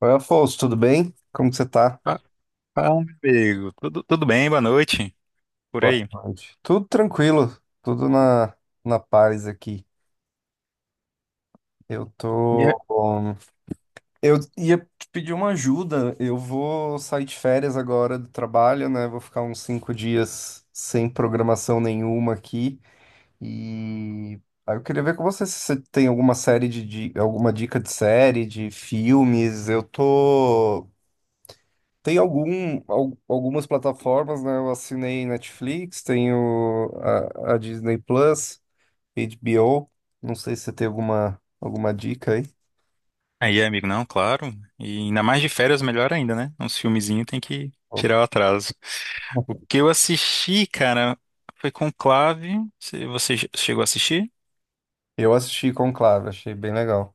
Oi, Afonso, tudo bem? Como que você tá? Fa- Fala, meu amigo. Tudo bem? Boa noite. Por Boa aí. tarde. Tudo tranquilo, tudo na, na paz aqui. Eu E a- tô. um, eu ia te pedir uma ajuda. Eu vou sair de férias agora do trabalho, né? Vou ficar uns cinco dias sem programação nenhuma aqui. E aí eu queria ver com você se você tem alguma dica de série, de filmes. Eu tô. Tem algumas plataformas, né? Eu assinei Netflix, tenho a Disney Plus, HBO. Não sei se você tem alguma dica aí. aí, amigo, não, claro. E ainda mais de férias, melhor ainda, né? Uns filmezinhos tem que tirar o atraso. O que eu assisti, cara, foi Conclave. Você chegou a assistir? Eu assisti Conclave, achei bem legal.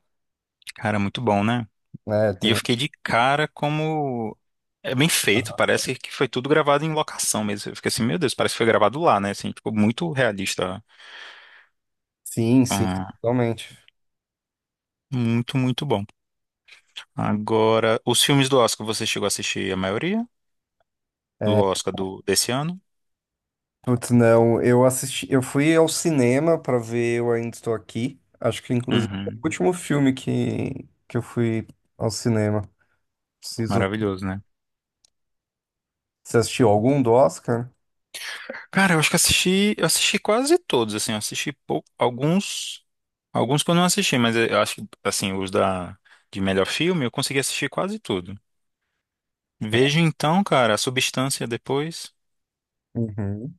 Cara, muito bom, né? né E eu tem... fiquei de cara como. É bem feito, parece que foi tudo gravado em locação mesmo. Eu fiquei assim, meu Deus, parece que foi gravado lá, né? Assim, ficou muito realista. Sim, sim, Ah, totalmente. muito bom. Agora, os filmes do Oscar, você chegou a assistir a maioria? Do É, Oscar do, desse ano? Putz, não, eu fui ao cinema para ver Eu Ainda Estou Aqui. Acho que inclusive foi o Uhum. último filme que eu fui ao cinema. Preciso. Maravilhoso, né? Você assistiu algum do Oscar? Cara, eu acho que assisti, eu assisti quase todos, assim, eu assisti pou- alguns, alguns que eu não assisti, mas eu acho que, assim, os da, de melhor filme, eu consegui assistir quase tudo. Vejo então, cara, a substância depois. Uhum.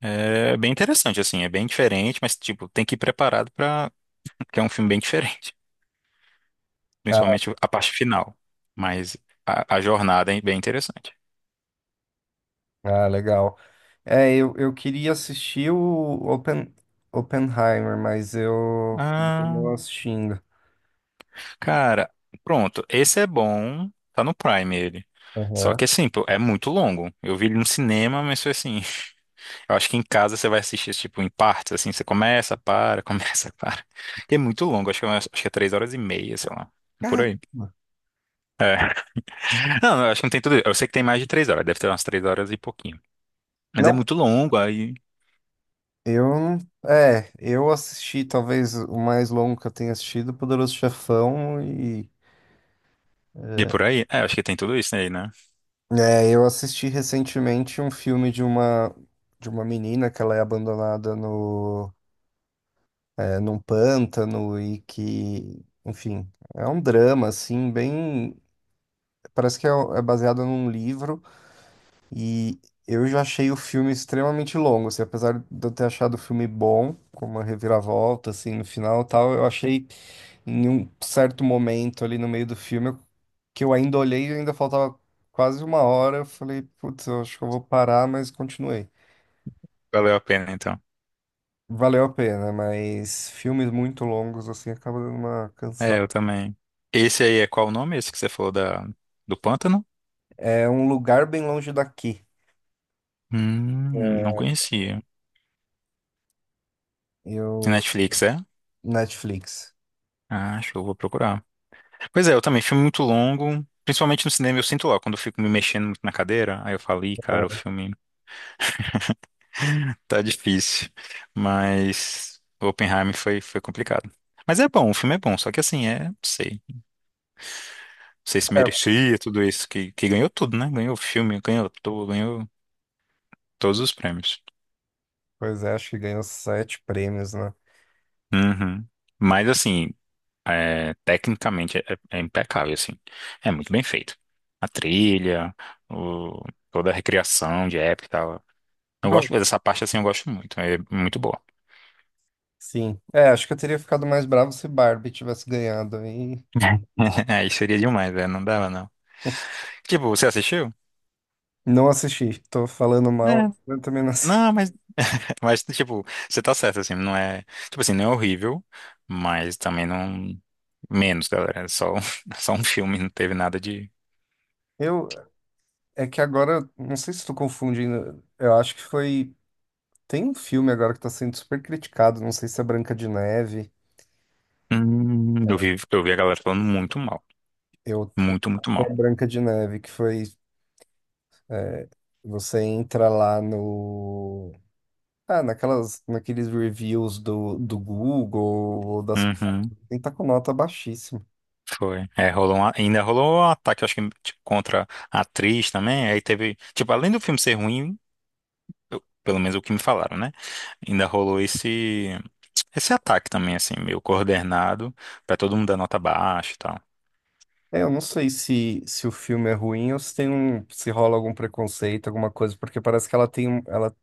É bem interessante, assim, é bem diferente, mas, tipo, tem que ir preparado pra. Que é um filme bem diferente, Ah, principalmente a parte final. Mas a jornada é bem interessante. ah, legal. Eu queria assistir o Open, Oppenheimer, mas eu não Ah, assistindo. cara, pronto. Esse é bom. Tá no Prime ele. Só Aham. que assim, pô, é muito longo. Eu vi ele no cinema, mas foi assim. Eu acho que em casa você vai assistir, tipo, em partes, assim. Você começa, para, começa, para. É muito longo. Acho que, acho que é três horas e meia, sei lá. Por aí. Caramba. Não, eu acho que não tem tudo. Eu sei que tem mais de três horas. Deve ter umas três horas e pouquinho. Mas é Não, muito longo, aí. eu não. É, eu assisti talvez o mais longo que eu tenha assistido, Poderoso Chefão, e E por aí. É, eu acho que tem tudo isso aí, né? é, eu assisti recentemente um filme de uma menina que ela é abandonada no num pântano e que, enfim, é um drama assim, bem, parece que é baseado num livro. E eu já achei o filme extremamente longo, assim, apesar de eu ter achado o filme bom, com uma reviravolta, assim, no final e tal, eu achei em um certo momento ali no meio do filme eu- que eu ainda olhei e ainda faltava quase uma hora, eu falei, putz, eu acho que eu vou parar, mas continuei. Valeu a pena, então. Valeu a pena, mas filmes muito longos, assim, acaba dando uma É, cansada. eu também. Esse aí é qual o nome? Esse que você falou da... do pântano? É um lugar bem longe daqui, Não conhecia. e o Netflix, é? Netflix. Ah, acho que eu vou procurar. Pois é, eu também, filme muito longo, principalmente no cinema, eu sinto lá, quando eu fico me mexendo muito na cadeira, aí eu falo, ih, cara, o filme tá difícil. Mas Oppenheimer foi complicado. Mas é bom, o filme é bom, só que assim, é, não sei, não sei se É, merecia tudo isso, que ganhou tudo, né? Ganhou filme, ganhou ator, ganhou todos os prêmios. pois é, acho que ganhou sete prêmios, né? Uhum. Mas assim, é, tecnicamente é impecável, assim. É muito bem feito. A trilha, o- toda a recriação de época e tal. Eu Bom, gosto dessa parte, assim, eu gosto muito. É muito boa. sim. É, acho que eu teria ficado mais bravo se Barbie tivesse ganhado. E Aí seria demais, né? Não dava, não. Tipo, você assistiu? não assisti. Tô falando É. mal, eu também não assisti. Não, mas, tipo, você tá certo, assim, não é... Tipo assim, não é horrível, mas também não... Menos, galera. É só, um- só um filme, não teve nada de... Eu, é que agora, não sei se tô confundindo. Eu acho que foi. Tem um filme agora que tá sendo super criticado. Não sei se é Branca de Neve. Eu vi a galera falando muito mal. Eu, Muito mal. é Branca de Neve, que foi. Você entra lá no. Ah, naqueles reviews do Google, ou das. Uhum. Tem tá com nota baixíssima. Foi. É, rolou um, ainda rolou um ataque, eu acho que tipo, contra a atriz também. Aí teve, tipo, além do filme ser ruim, pelo menos o que me falaram, né? Ainda rolou esse ataque também, assim, meio coordenado, pra todo mundo dar nota baixa e tal. É, eu não sei se, se o filme é ruim ou se tem se rola algum preconceito, alguma coisa, porque parece que ela,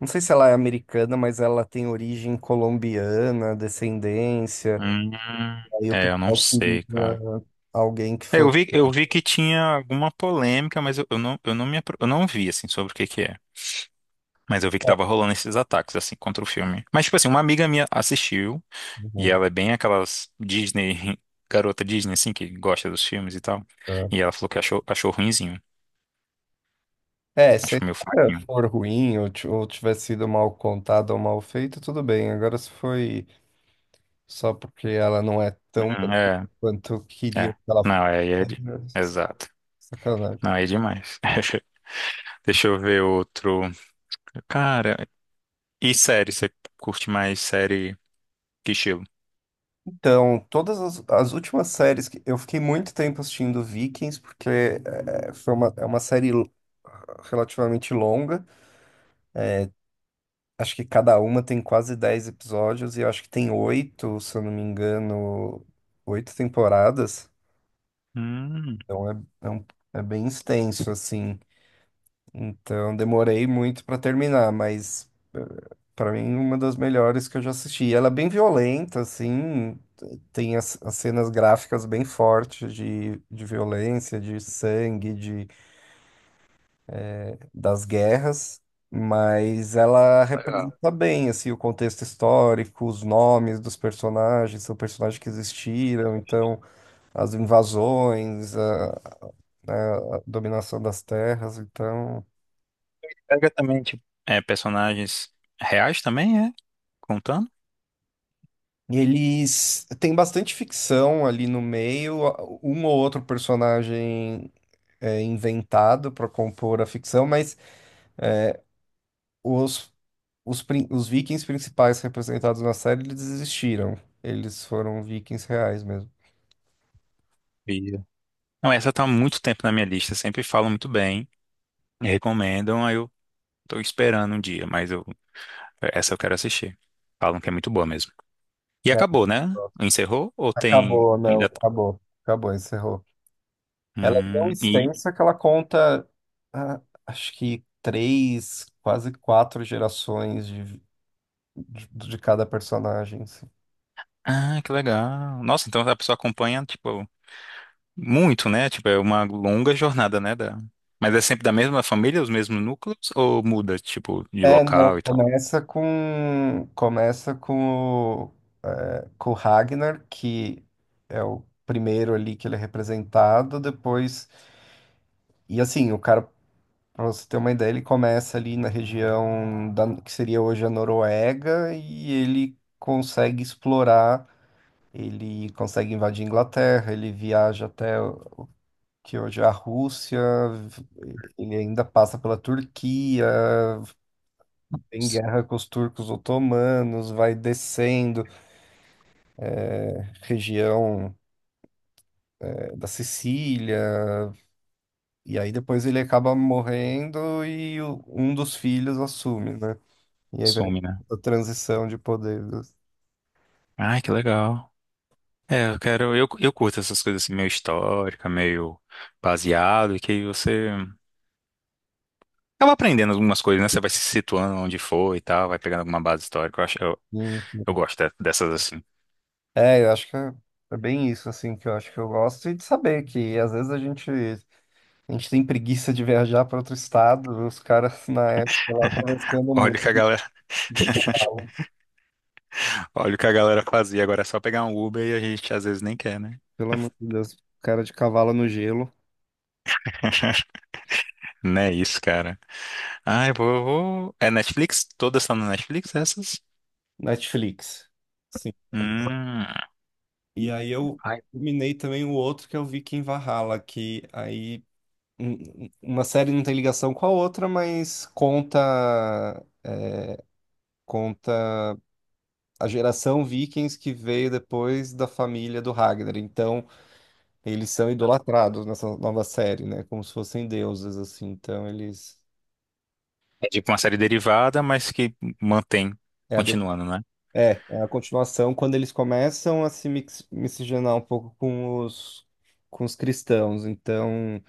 não sei se ela é americana, mas ela tem origem colombiana, descendência. Hum, Aí o é, eu não pessoal sei, cara. queria alguém que É, eu fosse. vi, eu vi que tinha alguma polêmica, mas eu não, eu não vi, assim, sobre o que que é. Mas eu vi que tava rolando esses ataques, assim, contra o filme. Mas, tipo assim, uma amiga minha assistiu. E Uhum, ela é bem aquelas Disney, garota Disney, assim, que gosta dos filmes e tal. tá. E ela falou que achou, achou ruinzinho. É, se a Achou meio história fraquinho. for ruim ou tiver sido mal contada ou mal feita, tudo bem. Agora, se foi só porque ela não é tão boa É, quanto eu queria é. que ela fosse, Não, é exato. sacanagem. Não, aí é demais. Deixa eu ver outro. Cara, e série? Você curte mais série que estilo? Então, as últimas séries que eu fiquei muito tempo assistindo Vikings, porque foi uma, relativamente longa. Acho que cada uma tem quase 10 episódios, e eu acho que tem oito, se eu não me engano, oito temporadas. Hum. Então é, é, um- é bem extenso, assim. Então demorei muito para terminar, mas. Pra mim, uma das melhores que eu já assisti. Ela é bem violenta, assim, tem as cenas gráficas bem fortes de violência, de sangue, de, das guerras, mas ela Legal. representa bem, assim, o contexto histórico, os nomes dos personagens, são personagens que existiram, então, as invasões, a dominação das terras, então... Pega também, tipo, é, personagens reais também, é? Contando? Eles têm bastante ficção ali no meio, um ou outro personagem é, inventado para compor a ficção, mas os, os vikings principais representados na série, eles existiram. Eles foram vikings reais mesmo. Via. Não, essa tá há muito tempo na minha lista. Sempre falam muito bem, recomendam. Aí eu tô esperando um dia, mas eu, essa eu quero assistir. Falam que é muito boa mesmo. E Né? acabou, né? Pronto. Encerrou? Ou tem Acabou, não, ainda? Tá? acabou. Acabou, encerrou. Ela é tão E extensa que ela conta, ah, acho que três, quase quatro gerações de cada personagem. ah, que legal. Nossa, então a pessoa acompanha tipo muito, né? Tipo é uma longa jornada, né? Da... Mas é sempre da mesma família, os mesmos núcleos ou muda tipo de É, não, local e tal? Começa com com o Ragnar, que é o primeiro ali que ele é representado, depois e assim, o cara, pra você ter uma ideia, ele começa ali na região da, que seria hoje a Noruega e ele consegue explorar, ele consegue invadir a Inglaterra, ele viaja até o- que hoje é a Rússia, v- ele ainda passa pela Turquia, tem S- guerra com os turcos otomanos, vai descendo região da Sicília, e aí depois ele acaba morrendo um dos filhos assume, né? E aí vem Some, né? a transição de poderes. Ai, que legal. É, eu quero, eu curto essas coisas assim, meio histórica, meio baseado, e que aí você acaba aprendendo algumas coisas, né? Você vai se situando onde for e tal, vai pegando alguma base histórica. Eu acho, eu, Sim, sim. Dessas assim. Eu acho que é é bem isso, assim, que eu acho que eu gosto, e de saber que às vezes a gente tem preguiça de viajar para outro estado, os caras na época lá atravessando o Olha o que a mundo. galera, olha o que a galera fazia. Agora é só pegar um Uber e a gente às vezes nem quer, né? Pelo amor de Deus, cara de cavalo no gelo, Não é isso, cara. Ai, vou, vou... É Netflix? Todas estão na Netflix, essas? Netflix. Hum. E aí eu Ai, minei também o outro que eu vi que em Valhalla, que aí uma série não tem ligação com a outra, mas conta é, conta a geração Vikings que veio depois da família do Ragnar. Então, eles são idolatrados nessa nova série, né? Como se fossem deuses, assim. Então, eles. é tipo uma série derivada, mas que mantém, É a, de- continuando, né? é, é a continuação quando eles começam a se mix- miscigenar um pouco com com os cristãos. Então,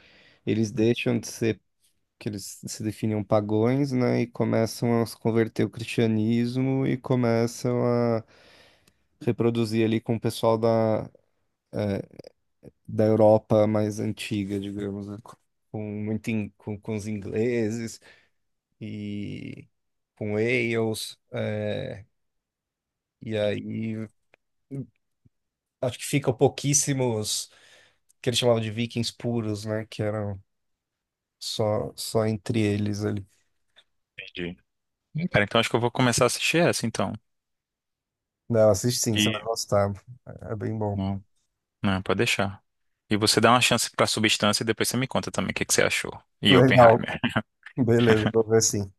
eles deixam de ser que eles se definiam pagões, né, e começam a se converter ao cristianismo e começam a reproduzir ali com o pessoal da Europa mais antiga, digamos, né, com os ingleses e com Wales, é, e aí acho que ficam pouquíssimos que eles chamavam de vikings puros, né, que eram só entre eles ali. Entendi. Cara, então acho que eu vou começar a assistir essa, então. Não, assiste sim, E... você vai gostar. É bem bom. Não, pode deixar. E você dá uma chance pra substância e depois você me conta também o que que você achou. E Legal. Oppenheimer. Beleza, vou ver sim.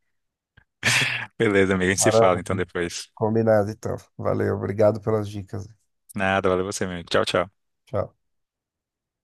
Beleza, amigo, a gente se fala então Maravilha. depois. Combinado, então. Valeu, obrigado pelas dicas. Nada, valeu você mesmo. Tchau, tchau. Tchau.